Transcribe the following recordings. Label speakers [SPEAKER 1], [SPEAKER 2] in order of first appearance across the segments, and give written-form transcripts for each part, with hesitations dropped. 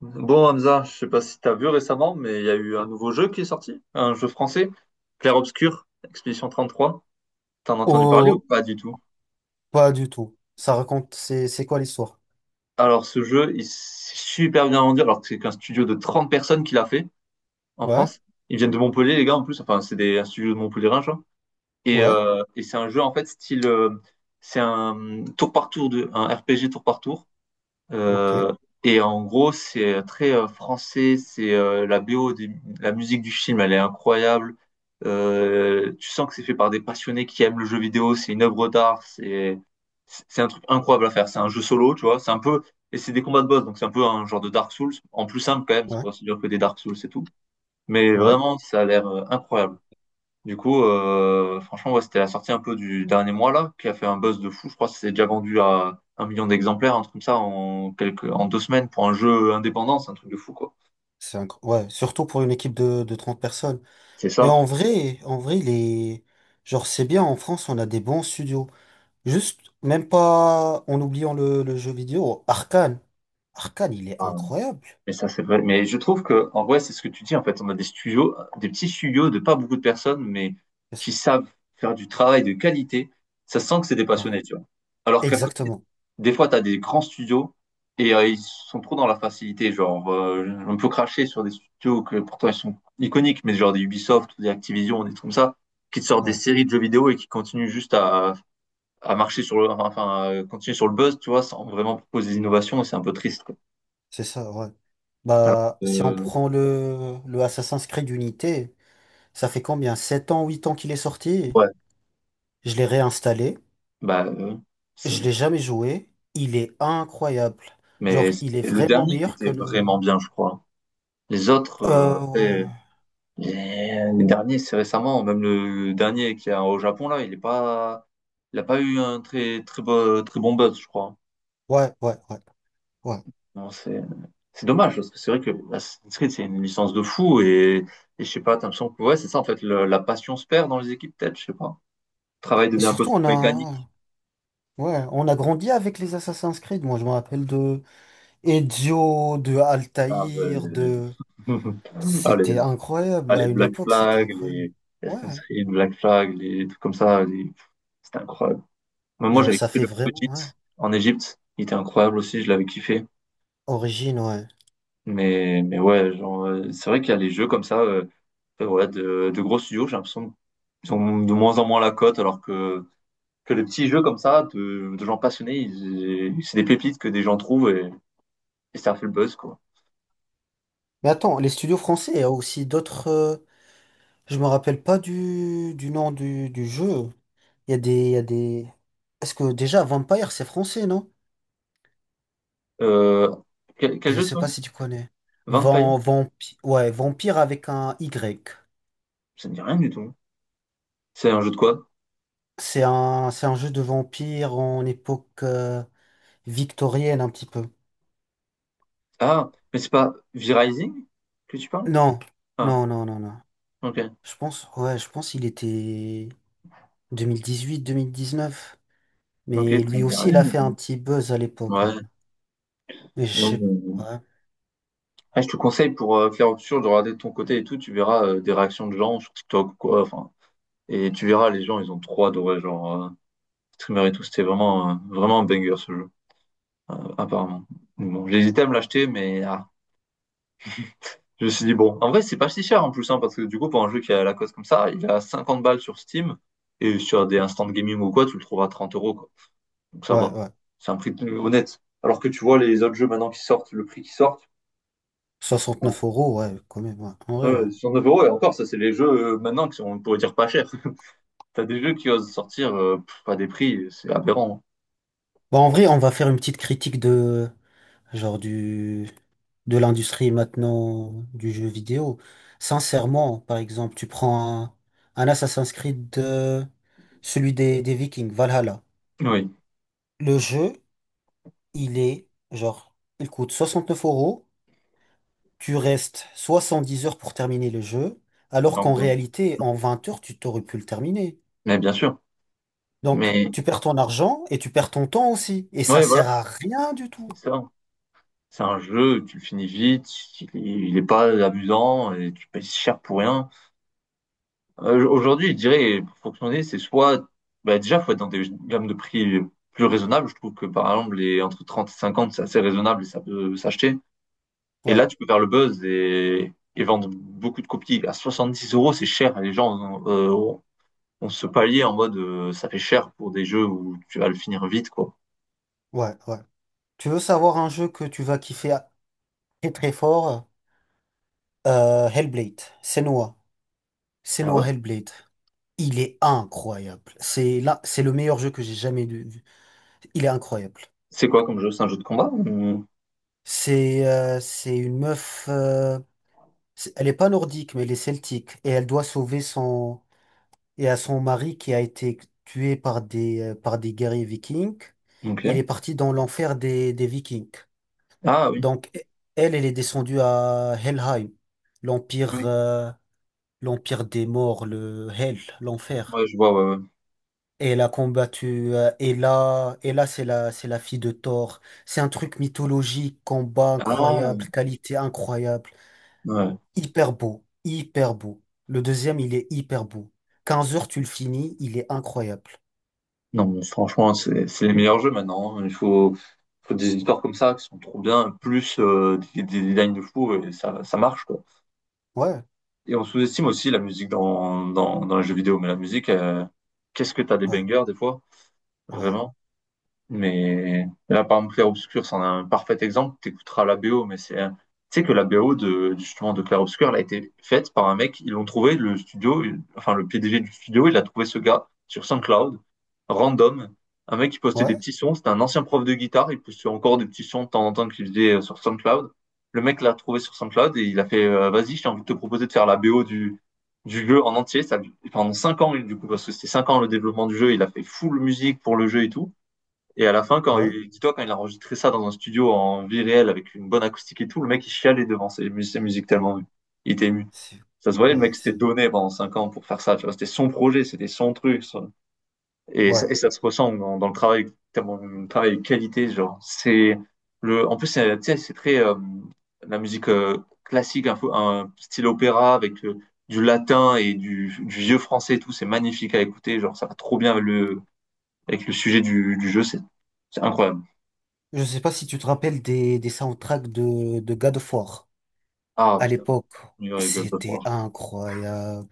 [SPEAKER 1] Bon, Hamza, je sais pas si tu as vu récemment, mais il y a eu un nouveau jeu qui est sorti, un jeu français, Clair Obscur, Expédition 33. T'en as entendu parler ou
[SPEAKER 2] Oh,
[SPEAKER 1] pas du tout?
[SPEAKER 2] pas du tout. Ça raconte, c'est quoi l'histoire?
[SPEAKER 1] Alors, ce jeu, il s'est super bien rendu, alors que c'est qu'un studio de 30 personnes qui l'a fait en
[SPEAKER 2] Ouais,
[SPEAKER 1] France. Ils viennent de Montpellier, les gars, en plus. Enfin, c'est des, un studio de Montpellier, et,
[SPEAKER 2] ouais,
[SPEAKER 1] et c'est un jeu, en fait, style, c'est un tour par tour, de, un RPG tour par tour.
[SPEAKER 2] ok,
[SPEAKER 1] Euh, et en gros, c'est très français. C'est la BO, la musique du film, elle est incroyable. Tu sens que c'est fait par des passionnés qui aiment le jeu vidéo. C'est une œuvre d'art. C'est un truc incroyable à faire. C'est un jeu solo, tu vois. C'est un peu, et c'est des combats de boss, donc c'est un peu un genre de Dark Souls en plus simple quand même. C'est
[SPEAKER 2] ouais,
[SPEAKER 1] pas aussi dur que des Dark Souls et tout. Mais
[SPEAKER 2] ouais.
[SPEAKER 1] vraiment, ça a l'air incroyable. Du coup, franchement, ouais, c'était la sortie un peu du dernier mois là, qui a fait un buzz de fou. Je crois que c'est déjà vendu à 1 million d'exemplaires, un truc comme ça, en quelques, en 2 semaines pour un jeu indépendant, c'est un truc de fou quoi.
[SPEAKER 2] Surtout pour une équipe de 30 personnes.
[SPEAKER 1] C'est
[SPEAKER 2] Et
[SPEAKER 1] ça.
[SPEAKER 2] en vrai, les, genre, c'est bien, en France, on a des bons studios. Juste, même pas en oubliant le jeu vidéo, Arkane. Arkane, il est incroyable.
[SPEAKER 1] Mais ça, c'est vrai. Mais je trouve que, en vrai, c'est ce que tu dis, en fait. On a des studios, des petits studios de pas beaucoup de personnes, mais
[SPEAKER 2] C'est ça,
[SPEAKER 1] qui savent faire du travail de qualité. Ça sent que c'est des
[SPEAKER 2] ouais,
[SPEAKER 1] passionnés, tu vois. Alors qu'à côté,
[SPEAKER 2] exactement.
[SPEAKER 1] des fois, tu as des grands studios et ils sont trop dans la facilité. Genre, on peut cracher sur des studios que pourtant ils sont iconiques, mais genre des Ubisoft, ou des Activision, des trucs comme ça, qui te sortent des
[SPEAKER 2] Ouais,
[SPEAKER 1] séries de jeux vidéo et qui continuent juste à marcher sur le, enfin, à continuer sur le buzz, tu vois, sans vraiment proposer des innovations. Et c'est un peu triste, quoi.
[SPEAKER 2] c'est ça, ouais.
[SPEAKER 1] Alors,
[SPEAKER 2] Bah, si on
[SPEAKER 1] euh,
[SPEAKER 2] prend le Assassin's Creed Unity, ça fait combien? 7 ans, 8 ans qu'il est sorti?
[SPEAKER 1] ouais.
[SPEAKER 2] Je l'ai réinstallé,
[SPEAKER 1] Bah, euh,
[SPEAKER 2] je
[SPEAKER 1] c'est-
[SPEAKER 2] l'ai jamais joué, il est incroyable. Genre,
[SPEAKER 1] mais c'est
[SPEAKER 2] il est
[SPEAKER 1] le
[SPEAKER 2] vraiment
[SPEAKER 1] dernier qui
[SPEAKER 2] meilleur que
[SPEAKER 1] était
[SPEAKER 2] le...
[SPEAKER 1] vraiment bien, je crois. Les autres, après,
[SPEAKER 2] Ouais,
[SPEAKER 1] les derniers, c'est récemment, même le dernier qui est au Japon, là, il est pas, il a pas eu un très bon, très bon buzz, je crois.
[SPEAKER 2] ouais, ouais, ouais. Ouais.
[SPEAKER 1] Bon, c'est dommage, parce que c'est vrai que Assassin's Creed, c'est une licence de fou, et je sais pas, t'as l'impression que, ouais, c'est ça, en fait, la passion se perd dans les équipes, peut-être, je sais pas. Le travail
[SPEAKER 2] Et
[SPEAKER 1] devient un peu
[SPEAKER 2] surtout,
[SPEAKER 1] trop
[SPEAKER 2] on a...
[SPEAKER 1] mécanique.
[SPEAKER 2] Ouais, on a grandi avec les Assassin's Creed. Moi, je me rappelle de Ezio, de
[SPEAKER 1] Ah,
[SPEAKER 2] Altaïr,
[SPEAKER 1] ben,
[SPEAKER 2] de...
[SPEAKER 1] allez.
[SPEAKER 2] C'était
[SPEAKER 1] Ah,
[SPEAKER 2] incroyable,
[SPEAKER 1] les
[SPEAKER 2] à une
[SPEAKER 1] Black
[SPEAKER 2] époque, c'était
[SPEAKER 1] Flag,
[SPEAKER 2] incroyable.
[SPEAKER 1] les
[SPEAKER 2] Ouais,
[SPEAKER 1] Assassin's Creed, Black Flag, les trucs comme ça, c'était incroyable. Mais moi,
[SPEAKER 2] genre,
[SPEAKER 1] j'avais
[SPEAKER 2] ça
[SPEAKER 1] kiffé
[SPEAKER 2] fait
[SPEAKER 1] le
[SPEAKER 2] vraiment...
[SPEAKER 1] Hobbit
[SPEAKER 2] Ouais.
[SPEAKER 1] en Égypte, il était incroyable aussi, je l'avais kiffé.
[SPEAKER 2] Origine, ouais.
[SPEAKER 1] Mais ouais, genre, c'est vrai qu'il y a les jeux comme ça, ouais, de gros studios, j'ai l'impression qu'ils ont de moins en moins la cote, alors que les petits jeux comme ça, de gens passionnés, c'est des pépites que des gens trouvent et ça fait le buzz, quoi.
[SPEAKER 2] Mais attends, les studios français, il y a aussi d'autres... Je me rappelle pas du nom du jeu. Il y a des, il y a des... Est-ce que déjà, Vampire, c'est français, non?
[SPEAKER 1] Euh, quel
[SPEAKER 2] Je
[SPEAKER 1] jeu tu
[SPEAKER 2] sais
[SPEAKER 1] m'as
[SPEAKER 2] pas
[SPEAKER 1] dit?
[SPEAKER 2] si tu connais.
[SPEAKER 1] Vampire?
[SPEAKER 2] Vampire avec un Y.
[SPEAKER 1] Ça ne dit rien du tout. C'est un jeu de quoi?
[SPEAKER 2] C'est un jeu de vampire en époque victorienne un petit peu.
[SPEAKER 1] Ah, mais c'est pas V-Rising que tu parles?
[SPEAKER 2] Non,
[SPEAKER 1] Ah,
[SPEAKER 2] non, non, non, non.
[SPEAKER 1] ok.
[SPEAKER 2] Je pense, ouais, je pense il était 2018, 2019.
[SPEAKER 1] Ok,
[SPEAKER 2] Mais
[SPEAKER 1] ça
[SPEAKER 2] lui
[SPEAKER 1] me dit
[SPEAKER 2] aussi, il
[SPEAKER 1] rien
[SPEAKER 2] a
[SPEAKER 1] du
[SPEAKER 2] fait un
[SPEAKER 1] coup.
[SPEAKER 2] petit buzz à l'époque, ouais.
[SPEAKER 1] Ouais.
[SPEAKER 2] Mais je
[SPEAKER 1] non,
[SPEAKER 2] sais
[SPEAKER 1] mais-
[SPEAKER 2] pas.
[SPEAKER 1] Ah, je te conseille pour faire autre chose de regarder de ton côté et tout, tu verras des réactions de gens sur TikTok ou quoi. Enfin, et tu verras, les gens, ils ont trop adoré, genre, streamer et tout. C'était vraiment, vraiment un banger ce jeu, apparemment. Donc bon, j'hésitais à me l'acheter, mais ah, je me suis dit, bon, en vrai, c'est pas si cher en plus, hein, parce que du coup, pour un jeu qui est à la coste comme ça, il a 50 balles sur Steam et sur des instant gaming ou quoi, tu le trouves à 30 euros, quoi. Donc ça
[SPEAKER 2] Ouais, ouais,
[SPEAKER 1] va.
[SPEAKER 2] ouais.
[SPEAKER 1] C'est un prix plus honnête. Alors que tu vois les autres jeux maintenant qui sortent, le prix qui sortent, bon,
[SPEAKER 2] 69 euros, ouais, quand même, ouais. En vrai, ouais.
[SPEAKER 1] sur 9 euros, et encore, ça, c'est les jeux maintenant qui sont, on pourrait dire, pas chers. T'as des jeux qui osent sortir à des prix, c'est aberrant.
[SPEAKER 2] Bon, en vrai, on va faire une petite critique de genre du de l'industrie maintenant du jeu vidéo. Sincèrement, par exemple, tu prends un Assassin's Creed, celui des Vikings, Valhalla.
[SPEAKER 1] Oui,
[SPEAKER 2] Le jeu, il est genre, il coûte 69 euros. Tu restes 70 heures pour terminer le jeu, alors
[SPEAKER 1] donc,
[SPEAKER 2] qu'en réalité, en 20 heures, tu t'aurais pu le terminer.
[SPEAKER 1] mais bien sûr.
[SPEAKER 2] Donc,
[SPEAKER 1] Mais,
[SPEAKER 2] tu perds ton argent et tu perds ton temps aussi. Et ça
[SPEAKER 1] oui voilà,
[SPEAKER 2] sert à rien du tout.
[SPEAKER 1] c'est ça. C'est un jeu, tu le finis vite, il est pas amusant, et tu payes cher pour rien. Aujourd'hui, je dirais, pour fonctionner, bah, déjà, faut être dans des gammes de prix plus raisonnables. Je trouve que, par exemple, les entre 30 et 50, c'est assez raisonnable et ça peut s'acheter. Et
[SPEAKER 2] Ouais,
[SPEAKER 1] là, tu peux faire le buzz et vendre beaucoup de copies. À 70 euros, c'est cher. Et les gens ont ce palier en mode, ça fait cher pour des jeux où tu vas le finir vite, quoi.
[SPEAKER 2] ouais, ouais. Tu veux savoir un jeu que tu vas kiffer très très fort? Hellblade, Senua.
[SPEAKER 1] Ah
[SPEAKER 2] Senua
[SPEAKER 1] ouais?
[SPEAKER 2] Hellblade. Il est incroyable. C'est là, c'est le meilleur jeu que j'ai jamais vu. Il est incroyable.
[SPEAKER 1] C'est quoi comme jeu? C'est un jeu de combat? Ou...
[SPEAKER 2] C'est une meuf. Elle est pas nordique, mais elle est celtique. Et elle doit sauver son et à son mari qui a été tué par des guerriers vikings. Il est
[SPEAKER 1] ok.
[SPEAKER 2] parti dans l'enfer des vikings.
[SPEAKER 1] Ah oui.
[SPEAKER 2] Donc e- Elle, elle est descendue à Helheim, l'empire.
[SPEAKER 1] Oui.
[SPEAKER 2] L'Empire des Morts, le Hell, l'enfer.
[SPEAKER 1] Ouais, je vois, ouais, ouais.
[SPEAKER 2] Et elle a combattu Hela. Hela, c'est la fille de Thor. C'est un truc mythologique, combat
[SPEAKER 1] Ah,
[SPEAKER 2] incroyable, qualité incroyable.
[SPEAKER 1] ouais.
[SPEAKER 2] Hyper beau, hyper beau. Le deuxième, il est hyper beau. 15 heures, tu le finis, il est incroyable.
[SPEAKER 1] Non, mais franchement, c'est les meilleurs jeux maintenant, hein. Il faut, faut des histoires comme ça qui sont trop bien, plus des designs de fou, et ça marche, quoi.
[SPEAKER 2] Ouais,
[SPEAKER 1] Et on sous-estime aussi la musique dans les jeux vidéo, mais la musique, qu'est-ce que t'as des
[SPEAKER 2] ouais,
[SPEAKER 1] bangers des fois,
[SPEAKER 2] ouais,
[SPEAKER 1] vraiment. Mais là, par exemple, Clair Obscur, c'en est un parfait exemple. T'écouteras la BO, mais tu sais que la BO de, justement, de Clair Obscur, elle a été faite par un mec. Ils l'ont trouvé, le studio, enfin, le PDG du studio, il a trouvé ce gars sur SoundCloud, random. Un mec qui postait des
[SPEAKER 2] ouais,
[SPEAKER 1] petits sons. C'était un ancien prof de guitare. Il postait encore des petits sons de temps en temps qu'il faisait sur SoundCloud. Le mec l'a trouvé sur SoundCloud et il a fait, vas-y, j'ai envie de te proposer de faire la BO du jeu en entier. Pendant cinq ans, du coup, parce que c'était 5 ans le développement du jeu, il a fait full musique pour le jeu et tout. Et à la fin,
[SPEAKER 2] ouais.
[SPEAKER 1] dis-toi, quand il a enregistré ça dans un studio en vie réelle avec une bonne acoustique et tout, le mec il chialait devant ses musiques tellement il était ému.
[SPEAKER 2] C'est,
[SPEAKER 1] Ça se voyait, le
[SPEAKER 2] ouais,
[SPEAKER 1] mec s'était
[SPEAKER 2] c'est,
[SPEAKER 1] donné pendant 5 ans pour faire ça. Tu vois, c'était son projet, c'était son truc. Ça. Et ça,
[SPEAKER 2] ouais.
[SPEAKER 1] ça se ressent dans, dans le travail, tellement le travail de qualité, genre. En plus, c'est, tu sais, c'est très la musique classique, un style opéra avec du latin et du vieux français et tout. C'est magnifique à écouter, genre ça va trop bien avec le sujet du jeu. C'est incroyable.
[SPEAKER 2] Je sais pas si tu te rappelles des soundtracks de God of War
[SPEAKER 1] Ah
[SPEAKER 2] à
[SPEAKER 1] putain,
[SPEAKER 2] l'époque.
[SPEAKER 1] New York God of War.
[SPEAKER 2] C'était incroyable.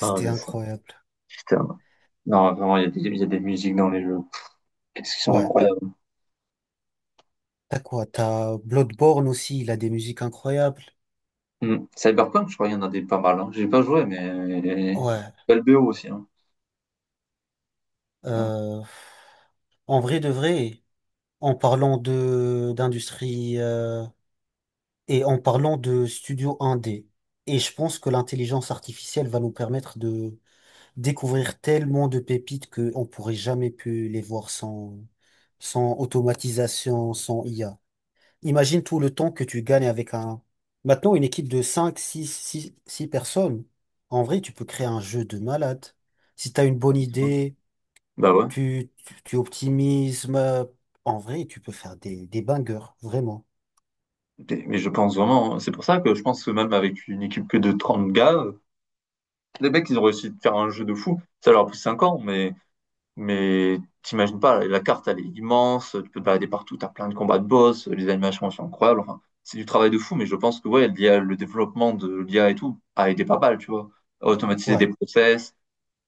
[SPEAKER 1] Ah mais ça,
[SPEAKER 2] incroyable.
[SPEAKER 1] putain. Non, vraiment, il y a des, il y a des musiques dans les jeux. Qu'est-ce qu'ils sont
[SPEAKER 2] Ouais,
[SPEAKER 1] incroyables.
[SPEAKER 2] t'as quoi? T'as Bloodborne aussi, il a des musiques incroyables.
[SPEAKER 1] Hmm. Cyberpunk, je crois qu'il y en a des pas mal, hein. J'ai pas joué, mais
[SPEAKER 2] Ouais.
[SPEAKER 1] belle BO aussi, hein. Non,
[SPEAKER 2] euh, En vrai de vrai, en parlant de d'industrie et en parlant de studio 1D, et je pense que l'intelligence artificielle va nous permettre de découvrir tellement de pépites qu'on pourrait jamais pu les voir sans sans automatisation, sans IA. Imagine tout le temps que tu gagnes avec un... Maintenant, une équipe de cinq six six six personnes, en vrai, tu peux créer un jeu de malade. Si tu as une bonne
[SPEAKER 1] c'est bon.
[SPEAKER 2] idée,
[SPEAKER 1] Bah ouais.
[SPEAKER 2] tu optimises, en vrai, tu peux faire des bangers, vraiment.
[SPEAKER 1] Mais je pense vraiment, hein, c'est pour ça que je pense que même avec une équipe que de 30 gars, les mecs, ils ont réussi de faire un jeu de fou. Ça leur a pris 5 ans, mais t'imagines pas, la carte, elle est immense, tu peux te balader partout, t'as plein de combats de boss, les animations sont incroyables. Enfin, c'est du travail de fou, mais je pense que ouais, l'IA, le développement de l'IA et tout a aidé pas mal, tu vois. À automatiser des
[SPEAKER 2] Ouais,
[SPEAKER 1] process,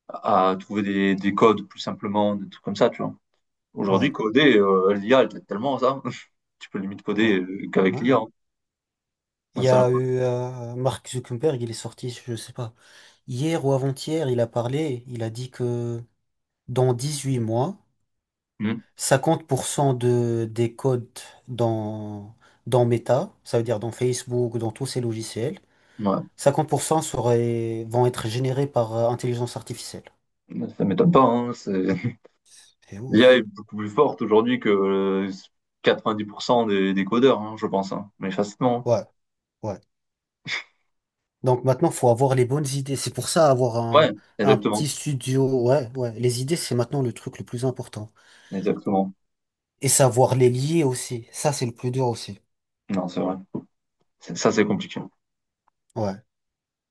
[SPEAKER 1] à trouver des codes plus simplement, des trucs comme ça, tu vois. Aujourd'hui,
[SPEAKER 2] ouais,
[SPEAKER 1] coder, l'IA, elle t'aide tellement à ça. Tu peux limite
[SPEAKER 2] ouais,
[SPEAKER 1] coder qu'avec
[SPEAKER 2] ouais.
[SPEAKER 1] l'IA, hein.
[SPEAKER 2] Il
[SPEAKER 1] Ouais,
[SPEAKER 2] y
[SPEAKER 1] ça,
[SPEAKER 2] a eu Mark Zuckerberg, il est sorti, je sais pas, hier ou avant-hier, il a parlé, il a dit que dans 18 mois,
[SPEAKER 1] hmm.
[SPEAKER 2] 50% des codes dans, dans Meta, ça veut dire dans Facebook, dans tous ces logiciels,
[SPEAKER 1] Ouais,
[SPEAKER 2] 50% seraient, vont être générés par intelligence artificielle.
[SPEAKER 1] ça m'étonne pas, hein.
[SPEAKER 2] C'est
[SPEAKER 1] L'IA est
[SPEAKER 2] ouf.
[SPEAKER 1] beaucoup plus forte aujourd'hui que 90% des codeurs, hein, je pense, hein. Mais facilement, hein.
[SPEAKER 2] Ouais, ouais. Donc maintenant, faut avoir les bonnes idées. C'est pour ça avoir
[SPEAKER 1] Ouais,
[SPEAKER 2] un petit
[SPEAKER 1] exactement,
[SPEAKER 2] studio. Ouais, ouais. Les idées, c'est maintenant le truc le plus important.
[SPEAKER 1] exactement.
[SPEAKER 2] Et savoir les lier aussi. Ça, c'est le plus dur aussi.
[SPEAKER 1] Non, c'est vrai. Ça, c'est compliqué.
[SPEAKER 2] Ouais.